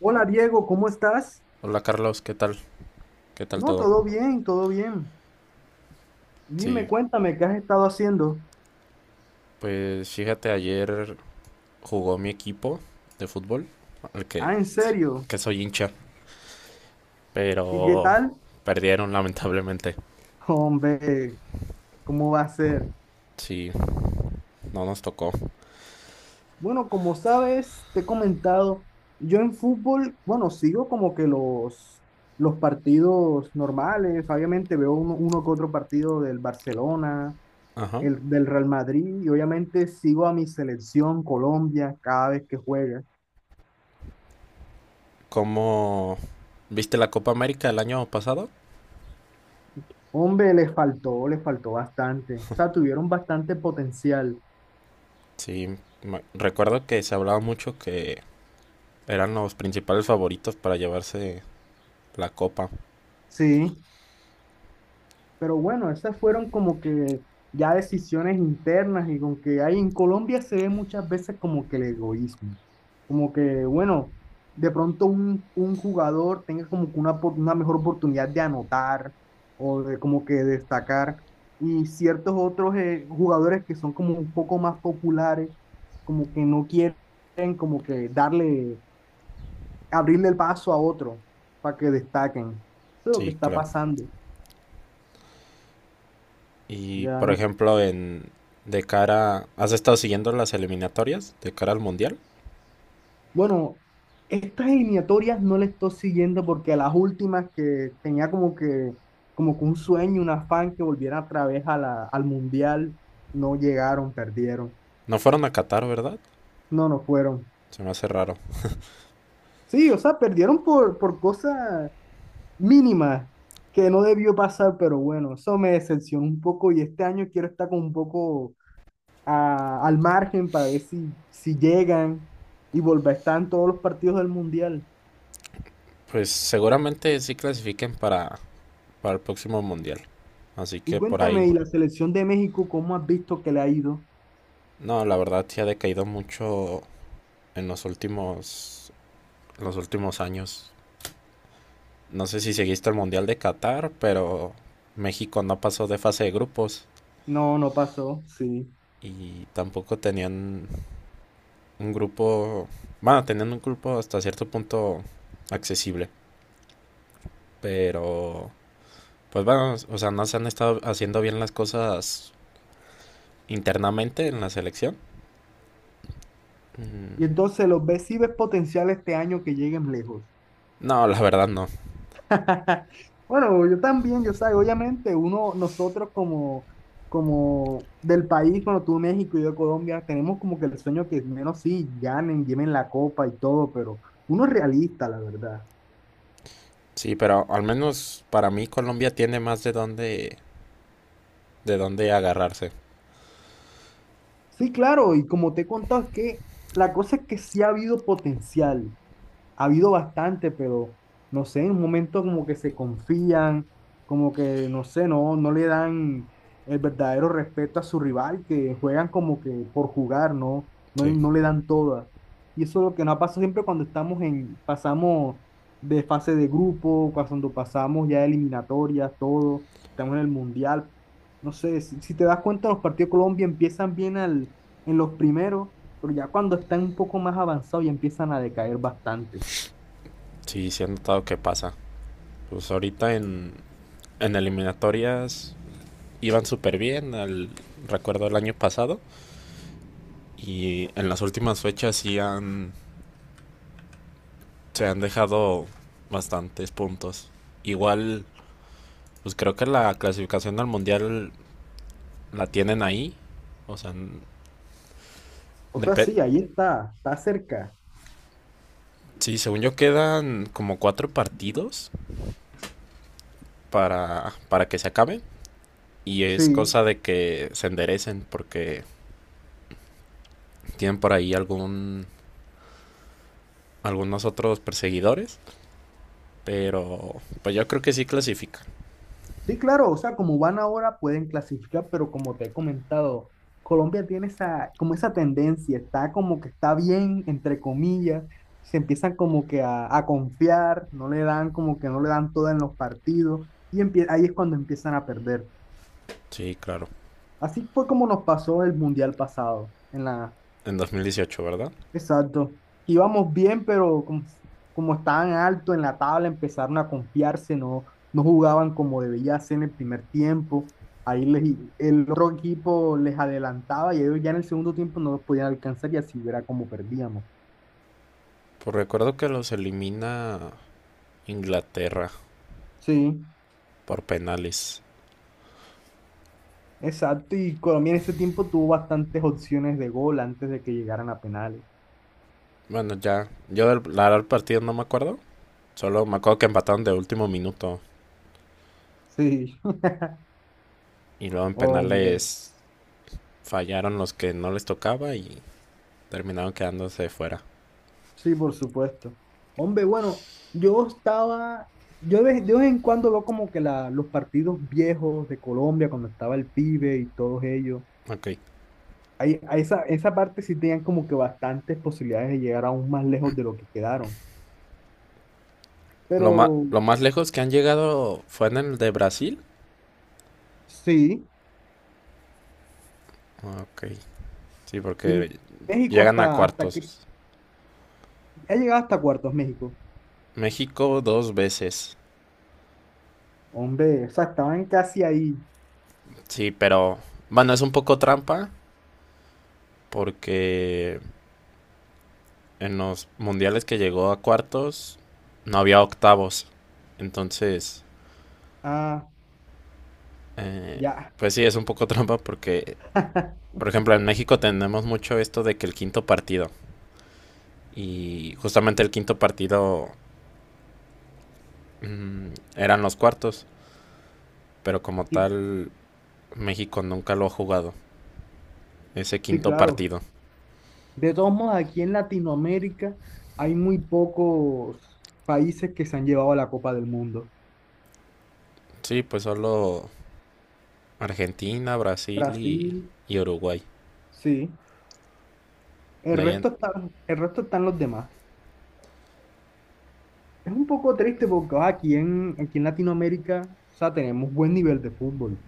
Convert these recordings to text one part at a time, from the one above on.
Hola Diego, ¿cómo estás? Hola Carlos, ¿qué tal? ¿Qué tal No, todo? todo bien, todo bien. Dime, Sí, cuéntame, ¿qué has estado haciendo? pues fíjate, ayer jugó mi equipo de fútbol, al que, Ah, ¿en serio? que soy hincha, ¿Y qué pero tal? perdieron lamentablemente. Hombre, ¿cómo va a ser? Sí, no nos tocó. Bueno, como sabes, te he comentado, yo en fútbol, bueno, sigo como que los partidos normales, obviamente veo uno que otro partido del Barcelona, Ajá. el del Real Madrid, y obviamente sigo a mi selección Colombia cada vez que juega. ¿Cómo viste la Copa América el año pasado? Hombre, les faltó bastante. O sea, tuvieron bastante potencial. Sí, recuerdo que se hablaba mucho que eran los principales favoritos para llevarse la copa. Sí, pero bueno, esas fueron como que ya decisiones internas y con que hay en Colombia se ve muchas veces como que el egoísmo. Como que, bueno, de pronto un jugador tenga como que una, una mejor oportunidad de anotar o de como que destacar. Y ciertos otros jugadores que son como un poco más populares, como que no quieren como que darle abrirle el paso a otro para que destaquen. Eso es lo que Sí, está claro. pasando. Y Ya por no, ejemplo, en de cara, ¿has estado siguiendo las eliminatorias de cara al mundial? bueno, estas eliminatorias no las estoy siguiendo porque las últimas que tenía como que un sueño, un afán que volvieran otra vez a la, al mundial, no llegaron, perdieron. No fueron a Qatar, ¿verdad? No, no fueron. Se me hace raro. Sí, o sea, perdieron por cosas mínimas que no debió pasar, pero bueno, eso me decepcionó un poco y este año quiero estar con un poco al margen para ver si, si llegan y volver, están todos los partidos del Mundial. Pues seguramente sí clasifiquen para el próximo mundial. Así Y que por ahí. cuéntame, ¿y la selección de México cómo has visto que le ha ido? No, la verdad sí ha decaído mucho en los últimos en los últimos años. No sé si seguiste el mundial de Qatar, pero México no pasó de fase de grupos No, no pasó, sí. y tampoco tenían un grupo, bueno, teniendo un grupo hasta cierto punto accesible, pero pues bueno, o sea, no se han estado haciendo bien las cosas internamente en la selección. Y Mm, entonces, ¿los ves si ves potencial este año que lleguen lejos? No, la verdad no. Bueno, yo también, yo sé, obviamente uno, nosotros como, como del país, bueno, tú México y yo Colombia, tenemos como que el sueño que menos sí, ganen, lleven la copa y todo, pero uno es realista, la verdad. Sí, pero al menos para mí Colombia tiene más de dónde agarrarse. Sí, claro, y como te he contado, es que la cosa es que sí ha habido potencial, ha habido bastante, pero no sé, en un momento como que se confían, como que no sé, no le dan el verdadero respeto a su rival, que juegan como que por jugar, ¿no? No, Sí. no le dan toda. Y eso es lo que nos pasa siempre cuando estamos en, pasamos de fase de grupo, cuando pasamos ya de eliminatorias, todo, estamos en el mundial. No sé, si, si te das cuenta, los partidos de Colombia empiezan bien al, en los primeros, pero ya cuando están un poco más avanzados ya empiezan a decaer bastante. Sí, sí he notado que pasa. Pues ahorita en eliminatorias iban súper bien, al recuerdo el año pasado y en las últimas fechas sí han se han dejado bastantes puntos. Igual, pues creo que la clasificación al mundial la tienen ahí. O sea, O sea, depende. sí, ahí está, está cerca. Sí, según yo quedan como cuatro partidos para que se acaben. Y es Sí, cosa de que se enderecen porque tienen por ahí algunos otros perseguidores. Pero pues yo creo que sí clasifican. sí, claro, o sea, como van ahora pueden clasificar, pero como te he comentado, Colombia tiene esa, como esa tendencia, está como que está bien, entre comillas, se empiezan como que a confiar, no le dan como que no le dan toda en los partidos, y ahí es cuando empiezan a perder. Sí, claro. Así fue como nos pasó el mundial pasado, en la, En 2018, ¿verdad? exacto. Íbamos bien, pero como, como estaban alto en la tabla, empezaron a confiarse, no jugaban como debía ser en el primer tiempo. Ahí les, el otro equipo les adelantaba y ellos ya en el segundo tiempo no los podían alcanzar y así era como perdíamos. Pues recuerdo que los elimina Inglaterra Sí, por penales. exacto. Y Colombia en ese tiempo tuvo bastantes opciones de gol antes de que llegaran a penales. Bueno, ya. La verdad, el partido no me acuerdo. Solo me acuerdo que empataron de último minuto. Sí, Y luego en hombre. penales fallaron los que no les tocaba y terminaron quedándose fuera. Sí, por supuesto. Hombre, bueno, yo estaba, yo de vez en cuando veo como que la, los partidos viejos de Colombia, cuando estaba el pibe y todos ellos, Ok. ahí, a esa, esa parte sí tenían como que bastantes posibilidades de llegar aún más lejos de lo que quedaron. Lo, más Pero lo más lejos que han llegado fue en el de Brasil. sí, Ok. Sí, y porque México llegan a hasta, hasta que, cuartos. ha llegado hasta cuartos México. México dos veces. Hombre, o sea, estaban casi ahí. Sí, pero bueno, es un poco trampa porque en los mundiales que llegó a cuartos no había octavos. Entonces, Ah, eh, ya, pues sí, es un poco trampa porque, por ejemplo, en México tenemos mucho esto de que el quinto partido, y justamente el quinto partido mm, eran los cuartos, pero como sí, tal México nunca lo ha jugado, ese sí, quinto claro. partido. De todos modos, aquí en Latinoamérica hay muy pocos países que se han llevado la Copa del Mundo. Sí, pues solo Argentina, Brasil Brasil, y Uruguay. sí. El De ahí en- resto está, el resto están los demás. Es un poco triste porque aquí en, aquí en Latinoamérica, o sea, tenemos buen nivel de fútbol.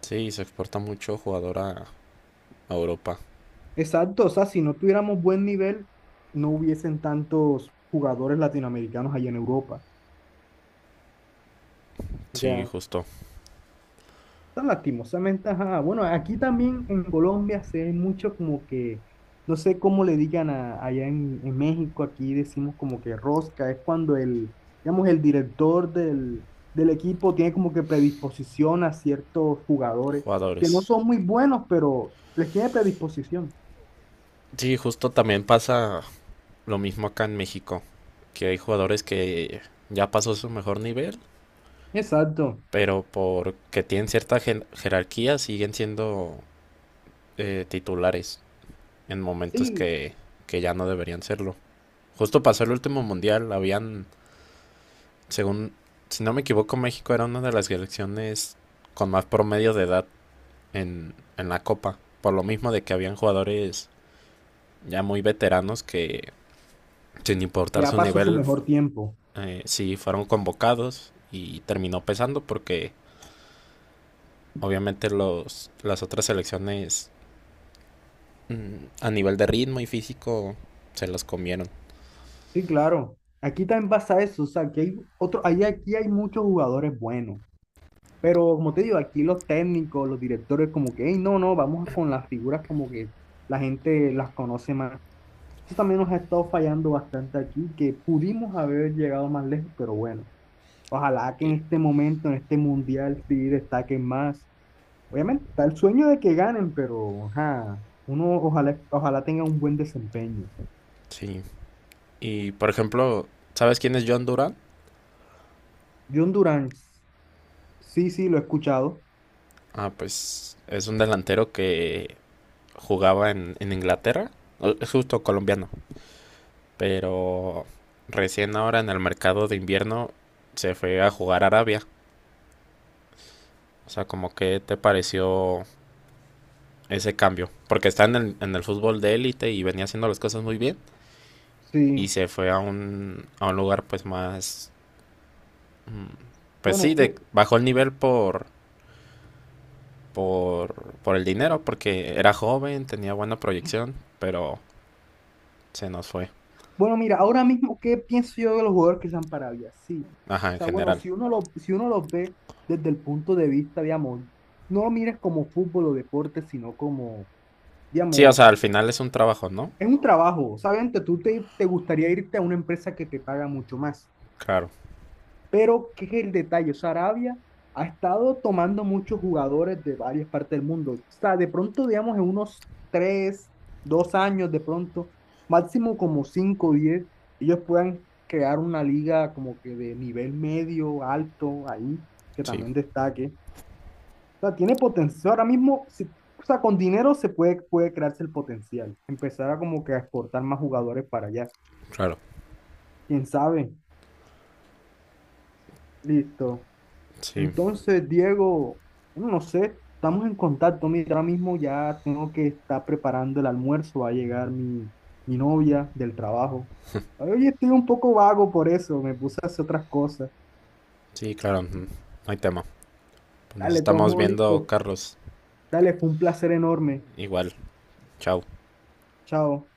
sí, se exporta mucho jugador a Europa. Exacto, o sea, si no tuviéramos buen nivel, no hubiesen tantos jugadores latinoamericanos allá en Europa. Sí, Ya, justo. o sea, lastimosamente, ajá. Bueno, aquí también en Colombia se ve mucho como que, no sé cómo le digan allá en México, aquí decimos como que rosca, es cuando el, digamos, el director del, del equipo tiene como que predisposición a ciertos jugadores que no Jugadores. son muy buenos, pero les tiene predisposición. Sí, justo también pasa lo mismo acá en México, que hay jugadores que ya pasó su mejor nivel, Exacto. pero porque tienen cierta jerarquía siguen siendo titulares en momentos Sí, que ya no deberían serlo. Justo pasó el último mundial, habían, según, si no me equivoco, México era una de las selecciones con más promedio de edad en la Copa, por lo mismo de que habían jugadores ya muy veteranos que sin importar ya su pasó su nivel mejor tiempo. Sí fueron convocados y terminó pesando porque obviamente las otras selecciones a nivel de ritmo y físico se las comieron. Sí, claro. Aquí también pasa eso, o sea, que hay otro, ahí aquí hay muchos jugadores buenos. Pero como te digo, aquí los técnicos, los directores, como que, hey, no, no, vamos con las figuras como que la gente las conoce más. Eso también nos ha estado fallando bastante aquí, que pudimos haber llegado más lejos, pero bueno, ojalá que en Y- este momento, en este mundial, sí destaquen más. Obviamente, está el sueño de que ganen, pero ajá, uno ojalá, ojalá tenga un buen desempeño. sí. Y por ejemplo, ¿sabes quién es John Duran? John Durán, sí, sí, lo he escuchado. Ah, pues es un delantero que jugaba en Inglaterra. Es justo colombiano. Pero recién ahora en el mercado de invierno se fue a jugar a Arabia. O sea, como que te pareció ese cambio, porque está en el fútbol de élite y venía haciendo las cosas muy bien y Sí, se fue a a un lugar pues más, mm, pues sí, bueno, ¿qué, bajó el nivel por el dinero, porque era joven, tenía buena proyección, pero se nos fue, bueno, mira, ahora mismo, ¿qué pienso yo de los jugadores que están para Arabia? Sí. ajá, O en sea, bueno, general. si uno lo, si uno los ve desde el punto de vista, digamos, no lo mires como fútbol o deporte, sino como, Sí, o sea, digamos, al final es un trabajo, ¿no? es un trabajo. Obviamente, tú te, te gustaría irte a una empresa que te paga mucho más. Claro, Pero, ¿qué es el detalle? O sea, Arabia ha estado tomando muchos jugadores de varias partes del mundo. O sea, de pronto, digamos, en unos tres, dos años, de pronto, máximo como cinco o diez, ellos puedan crear una liga como que de nivel medio, alto, ahí, que sí, también destaque. O sea, tiene potencial. Ahora mismo, si, o sea, con dinero se puede, puede crearse el potencial. Empezar a como que a exportar más jugadores para allá. claro, ¿Quién sabe? Listo. sí, Entonces, Diego, bueno, no sé, estamos en contacto. Mira, ahora mismo ya tengo que estar preparando el almuerzo. Va a llegar mi, mi novia del trabajo. Oye, estoy un poco vago por eso. Me puse a hacer otras cosas. sí, claro, mm, no hay tema. Pues nos Dale, estamos todo viendo, listo. Carlos, Dale, fue un placer enorme. igual, chao. Chao.